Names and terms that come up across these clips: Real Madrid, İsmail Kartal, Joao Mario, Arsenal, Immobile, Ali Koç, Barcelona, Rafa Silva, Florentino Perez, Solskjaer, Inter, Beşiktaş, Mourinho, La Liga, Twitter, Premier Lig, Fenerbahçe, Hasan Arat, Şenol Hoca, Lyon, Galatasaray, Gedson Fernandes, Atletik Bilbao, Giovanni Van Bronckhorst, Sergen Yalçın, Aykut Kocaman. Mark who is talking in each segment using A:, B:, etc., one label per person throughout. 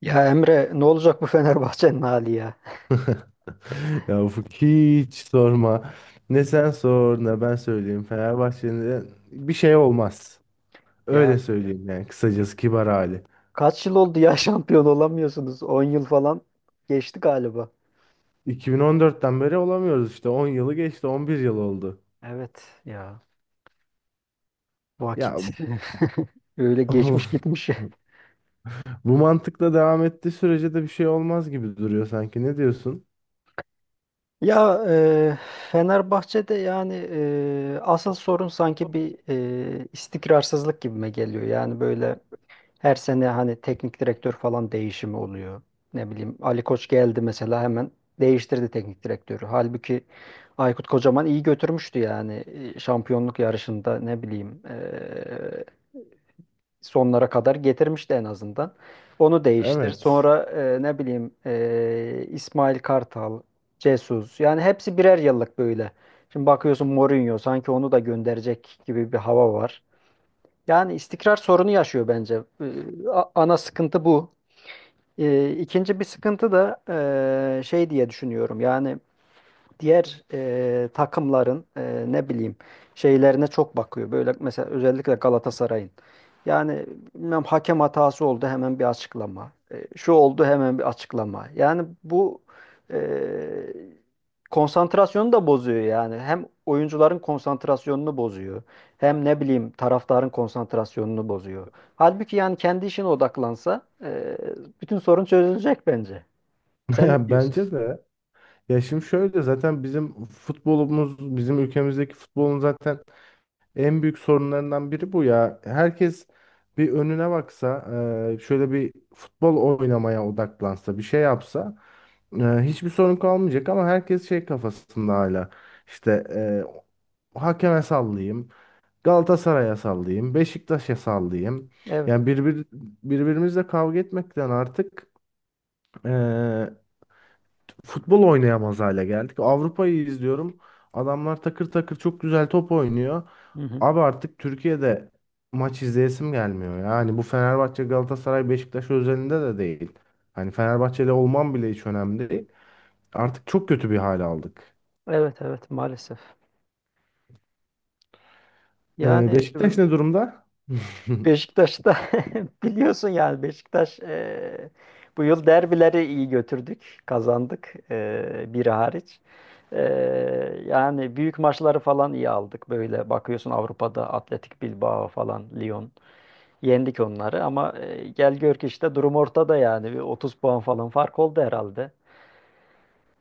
A: Ya Emre ne olacak bu Fenerbahçe'nin hali ya?
B: Ya Ufuk hiç sorma. Ne sen sor ne ben söyleyeyim. Fenerbahçe'nin bir şey olmaz.
A: Ya
B: Öyle söyleyeyim yani kısacası kibar hali.
A: kaç yıl oldu ya şampiyon olamıyorsunuz? 10 yıl falan geçti galiba.
B: 2014'ten beri olamıyoruz işte. 10 yılı geçti, 11 yıl oldu.
A: Evet ya vakit
B: Ya
A: öyle geçmiş gitmiş.
B: bu mantıkla devam ettiği sürece de bir şey olmaz gibi duruyor sanki. Ne diyorsun?
A: Ya Fenerbahçe'de yani asıl sorun sanki bir istikrarsızlık gibime geliyor. Yani böyle her sene hani teknik direktör falan değişimi oluyor. Ne bileyim Ali Koç geldi mesela hemen değiştirdi teknik direktörü. Halbuki Aykut Kocaman iyi götürmüştü yani. Şampiyonluk yarışında ne bileyim sonlara kadar getirmişti en azından. Onu değiştir.
B: Evet.
A: Sonra ne bileyim İsmail Kartal, Jesus yani hepsi birer yıllık böyle. Şimdi bakıyorsun Mourinho sanki onu da gönderecek gibi bir hava var. Yani istikrar sorunu yaşıyor bence. Ana sıkıntı bu. İkinci bir sıkıntı da şey diye düşünüyorum. Yani diğer takımların ne bileyim şeylerine çok bakıyor. Böyle mesela özellikle Galatasaray'ın. Yani bilmem hakem hatası oldu hemen bir açıklama. E, şu oldu hemen bir açıklama. Yani bu e, konsantrasyonu da bozuyor yani. Hem oyuncuların konsantrasyonunu bozuyor. Hem ne bileyim taraftarın konsantrasyonunu bozuyor. Halbuki yani kendi işine odaklansa bütün sorun çözülecek bence. Sen ne
B: Ya
A: diyorsun?
B: bence de. Ya şimdi şöyle zaten bizim futbolumuz, bizim ülkemizdeki futbolun zaten en büyük sorunlarından biri bu ya. Herkes bir önüne baksa, şöyle bir futbol oynamaya odaklansa, bir şey yapsa hiçbir sorun kalmayacak ama herkes şey kafasında hala. İşte hakeme sallayayım, Galatasaray'a sallayayım, Beşiktaş'a sallayayım.
A: Evet.
B: Yani birbirimizle kavga etmekten artık e, futbol oynayamaz hale geldik. Avrupa'yı izliyorum. Adamlar takır takır çok güzel top oynuyor.
A: Hı hı.
B: Abi artık Türkiye'de maç izleyesim gelmiyor. Yani bu Fenerbahçe, Galatasaray, Beşiktaş özelinde de değil. Hani Fenerbahçeli olmam bile hiç önemli değil. Artık çok kötü bir hal aldık.
A: Evet, evet, maalesef. Yani
B: Beşiktaş ne durumda?
A: Beşiktaş'ta biliyorsun yani Beşiktaş, bu yıl derbileri iyi götürdük, kazandık, biri hariç. E, Yani büyük maçları falan iyi aldık. Böyle bakıyorsun Avrupa'da Atletik Bilbao falan, Lyon yendik onları ama gel gör ki işte durum ortada yani bir 30 puan falan fark oldu herhalde.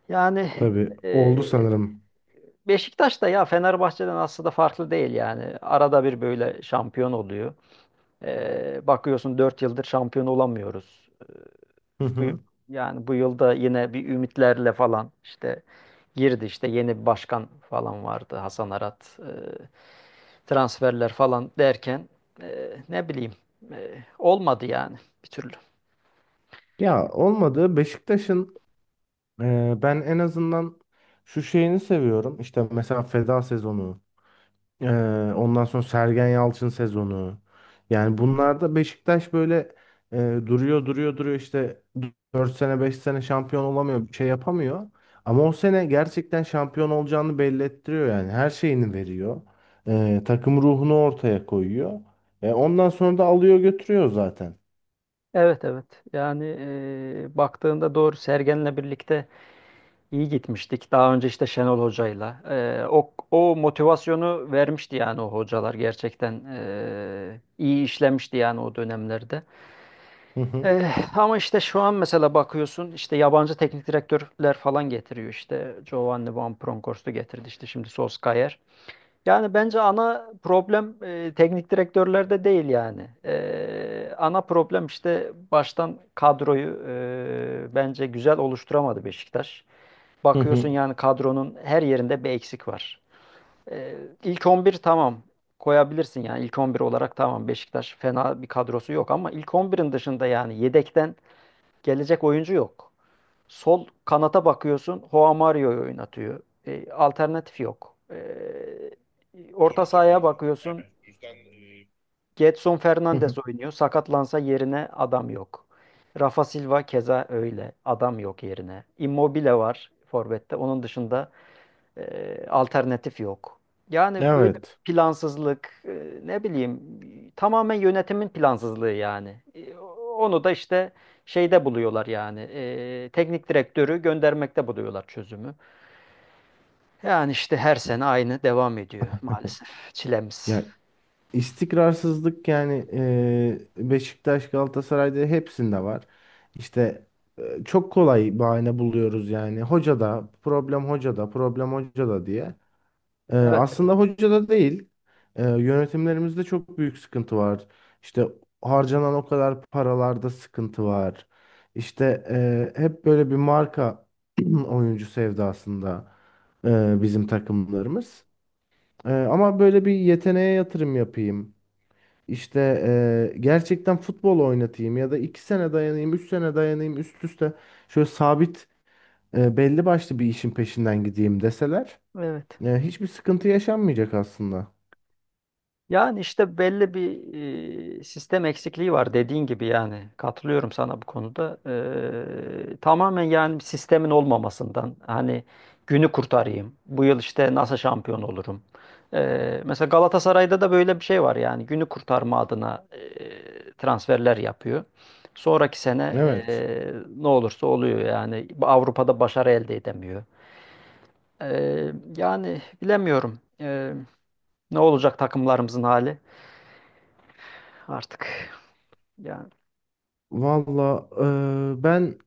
A: Yani
B: Tabii
A: e,
B: oldu sanırım.
A: Beşiktaş da ya Fenerbahçe'den aslında farklı değil yani. Arada bir böyle şampiyon oluyor. Bakıyorsun 4 yıldır şampiyon olamıyoruz.
B: Hı
A: Bu,
B: hı.
A: yani bu yılda yine bir ümitlerle falan işte girdi, işte yeni bir başkan falan vardı, Hasan Arat. Transferler falan derken ne bileyim olmadı yani bir türlü.
B: Ya olmadı. Beşiktaş'ın ben en azından şu şeyini seviyorum. İşte mesela feda sezonu. Ee, ondan sonra Sergen Yalçın sezonu. Yani bunlarda Beşiktaş böyle e, duruyor duruyor duruyor işte 4 sene 5 sene şampiyon olamıyor bir şey yapamıyor. Ama o sene gerçekten şampiyon olacağını belli ettiriyor yani her şeyini veriyor. Takım ruhunu ortaya koyuyor. Ondan sonra da alıyor götürüyor zaten.
A: Evet, evet, yani baktığında doğru Sergen'le birlikte İyi gitmiştik. Daha önce işte Şenol Hoca'yla. O motivasyonu vermişti yani, o hocalar gerçekten iyi işlemişti yani o dönemlerde.
B: Hı hı,
A: Ee, Ama işte şu an mesela bakıyorsun işte yabancı teknik direktörler falan getiriyor, işte Giovanni Van Bronckhorst'u getirdi, işte şimdi Solskjaer. Yani bence ana problem teknik direktörlerde değil yani. Ana problem işte baştan kadroyu bence güzel oluşturamadı Beşiktaş.
B: hı hı,
A: Bakıyorsun yani kadronun her yerinde bir eksik var. Ee, ilk 11 tamam, koyabilirsin yani ilk 11 olarak tamam, Beşiktaş fena bir kadrosu yok ama ilk 11'in dışında yani yedekten gelecek oyuncu yok. Sol kanata bakıyorsun Joao Mario'yu oynatıyor. Alternatif yok. Orta sahaya bakıyorsun Gedson
B: hı
A: Fernandes
B: hı.
A: oynuyor. Sakatlansa yerine adam yok. Rafa Silva keza öyle. Adam yok yerine. Immobile var forvette. Onun dışında alternatif yok. Yani böyle
B: Evet.
A: plansızlık, ne bileyim, tamamen yönetimin plansızlığı yani. Onu da işte şeyde buluyorlar yani, teknik direktörü göndermekte buluyorlar çözümü. Yani işte her sene aynı devam ediyor maalesef çilemiz.
B: Ya İstikrarsızlık yani Beşiktaş, Galatasaray'da hepsinde var. İşte çok kolay bahane buluyoruz yani. Hoca da problem hoca da problem hoca da diye. E,
A: Evet, evet.
B: aslında hoca da değil. Yönetimlerimizde çok büyük sıkıntı var. İşte harcanan o kadar paralarda sıkıntı var. İşte hep böyle bir marka oyuncu sevdasında bizim takımlarımız. Ama böyle bir yeteneğe yatırım yapayım. İşte gerçekten futbol oynatayım ya da 2 sene dayanayım, 3 sene dayanayım üst üste şöyle sabit belli başlı bir işin peşinden gideyim deseler
A: Evet.
B: hiçbir sıkıntı yaşanmayacak aslında.
A: Yani işte belli bir sistem eksikliği var dediğin gibi yani, katılıyorum sana bu konuda. Tamamen yani sistemin olmamasından, hani günü kurtarayım. Bu yıl işte nasıl şampiyon olurum. Mesela Galatasaray'da da böyle bir şey var yani, günü kurtarma adına transferler yapıyor. Sonraki sene
B: Evet.
A: ne olursa oluyor yani, Avrupa'da başarı elde edemiyor. Yani bilemiyorum, ne olacak takımlarımızın hali. Artık yani.
B: Valla ben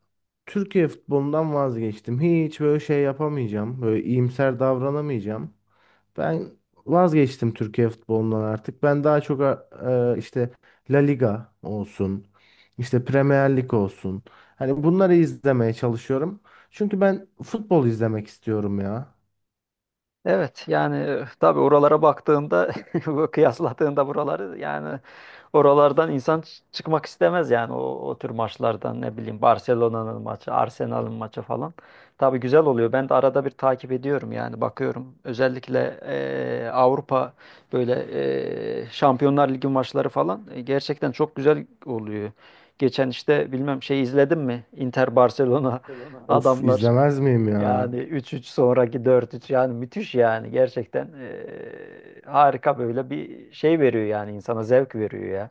B: Türkiye futbolundan vazgeçtim. Hiç böyle şey yapamayacağım. Böyle iyimser davranamayacağım. Ben vazgeçtim Türkiye futbolundan artık. Ben daha çok işte La Liga olsun, işte Premier Lig olsun. Hani bunları izlemeye çalışıyorum. Çünkü ben futbol izlemek istiyorum ya.
A: Evet, yani tabii oralara baktığında bu kıyasladığında buraları yani, oralardan insan çıkmak istemez yani o, o tür maçlardan, ne bileyim, Barcelona'nın maçı, Arsenal'ın maçı falan. Tabii güzel oluyor. Ben de arada bir takip ediyorum yani, bakıyorum. Özellikle Avrupa böyle Şampiyonlar Ligi maçları falan gerçekten çok güzel oluyor. Geçen işte bilmem şey izledim mi? Inter Barcelona,
B: Of
A: adamlar.
B: izlemez miyim ya?
A: Yani 3-3 sonraki 4-3, yani müthiş yani, gerçekten harika, böyle bir şey veriyor yani, insana zevk veriyor ya.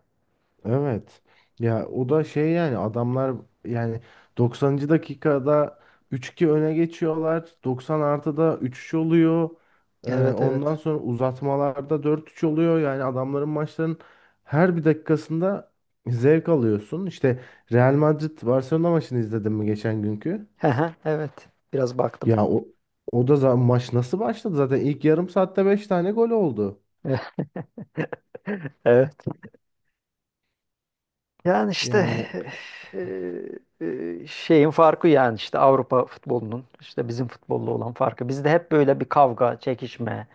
B: Evet. Ya o da şey yani adamlar yani 90. dakikada üç 2 öne geçiyorlar. Doksan artıda 3-3 oluyor. Ee,
A: Evet, evet.
B: ondan sonra uzatmalarda 4-3 oluyor. Yani adamların maçların her bir dakikasında zevk alıyorsun. İşte Real Madrid Barcelona maçını izledin mi geçen günkü?
A: Hı hı, evet, biraz baktım.
B: Ya o da maç nasıl başladı? Zaten ilk yarım saatte 5 tane gol oldu.
A: Evet. Yani işte
B: Yani
A: eee, şeyin farkı, yani işte Avrupa futbolunun işte bizim futbolla olan farkı. Bizde hep böyle bir kavga, çekişme,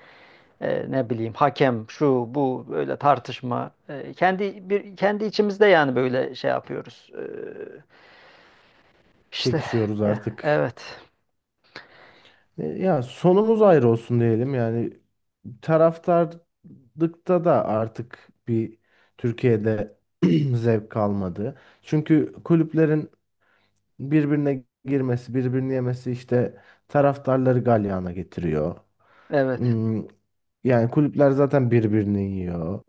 A: ne bileyim, hakem şu bu böyle tartışma. Kendi içimizde yani böyle şey yapıyoruz. İşte,
B: çekişiyoruz
A: ya,
B: artık.
A: evet.
B: Ya sonumuz ayrı olsun diyelim yani taraftarlıkta da artık bir Türkiye'de zevk kalmadı. Çünkü kulüplerin birbirine girmesi, birbirini yemesi işte taraftarları galyana getiriyor.
A: Evet.
B: Hmm, Yani kulüpler zaten birbirini yiyor.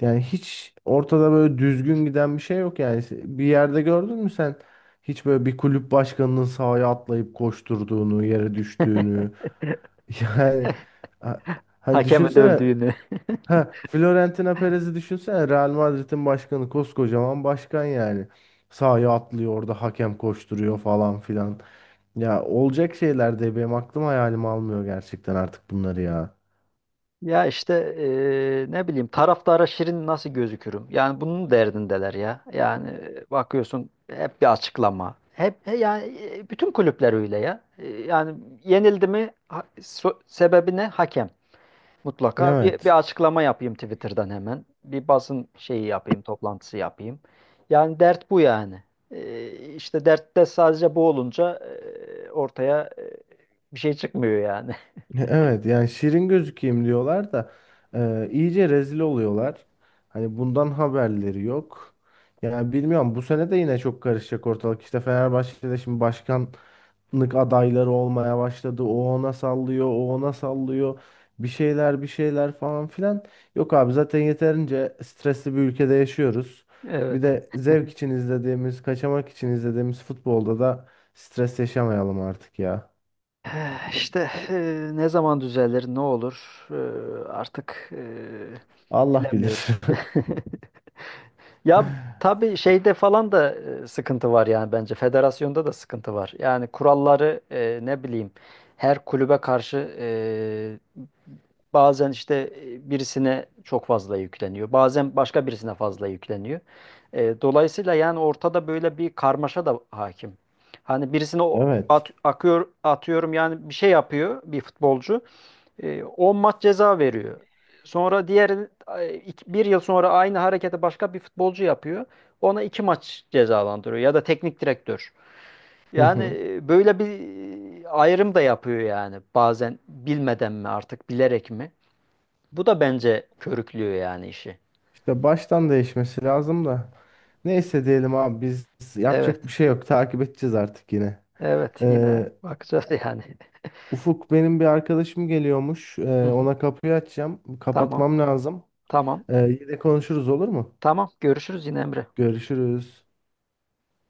B: Yani hiç ortada böyle düzgün giden bir şey yok yani. Bir yerde gördün mü sen hiç böyle bir kulüp başkanının sahaya atlayıp koşturduğunu, yere düştüğünü. Yani ha- hani
A: Hakemi
B: düşünsene.
A: dövdüğünü.
B: Ha, Florentino Perez'i düşünsene, Real Madrid'in başkanı, koskocaman başkan yani. Sahaya atlıyor orada hakem koşturuyor falan filan. Ya olacak şeyler de benim aklım hayalim almıyor gerçekten artık bunları ya.
A: Ya işte ne bileyim, taraftara şirin nasıl gözükürüm? Yani bunun derdindeler ya. Yani bakıyorsun hep bir açıklama. Hep yani bütün kulüpler öyle ya. E, yani yenildi mi sebebi ne? Hakem. Mutlaka bir
B: Evet.
A: açıklama yapayım Twitter'dan hemen. Bir basın şeyi yapayım, toplantısı yapayım. Yani dert bu yani. E, işte dertte sadece bu olunca ortaya bir şey çıkmıyor yani.
B: Evet yani şirin gözükeyim diyorlar da iyice rezil oluyorlar. Hani bundan haberleri yok. Yani bilmiyorum bu sene de yine çok karışacak ortalık. İşte Fenerbahçe'de şimdi başkanlık adayları olmaya başladı. O ona sallıyor, o ona sallıyor. Bir şeyler bir şeyler falan filan. Yok abi zaten yeterince stresli bir ülkede yaşıyoruz. Bir
A: Evet.
B: de zevk için izlediğimiz, kaçamak için izlediğimiz futbolda da stres yaşamayalım artık ya.
A: İşte ne zaman düzelir, ne olur artık,
B: Allah
A: bilemiyorum.
B: bilir.
A: Ya tabii şeyde falan da sıkıntı var yani bence. Federasyonda da sıkıntı var. Yani kuralları ne bileyim her kulübe karşı, bazen işte birisine çok fazla yükleniyor. Bazen başka birisine fazla yükleniyor. Dolayısıyla yani ortada böyle bir karmaşa da hakim. Hani birisine
B: Evet.
A: akıyor, atıyorum yani, bir şey yapıyor bir futbolcu. 10 maç ceza veriyor. Sonra diğer bir yıl sonra aynı hareketi başka bir futbolcu yapıyor. Ona 2 maç cezalandırıyor ya da teknik direktör.
B: Hı
A: Yani
B: hı.
A: böyle bir ayrım da yapıyor yani, bazen bilmeden mi artık, bilerek mi? Bu da bence körüklüyor yani işi.
B: İşte baştan değişmesi lazım da. Neyse diyelim abi biz
A: Evet,
B: yapacak bir şey yok. Takip edeceğiz artık yine.
A: evet, yine
B: Ee,
A: bakacağız yani.
B: Ufuk benim bir arkadaşım geliyormuş.
A: Hı
B: Ee,
A: hı.
B: ona kapıyı açacağım.
A: Tamam,
B: Kapatmam lazım.
A: tamam,
B: Ee, yine konuşuruz olur mu?
A: tamam. Görüşürüz yine Emre.
B: Görüşürüz.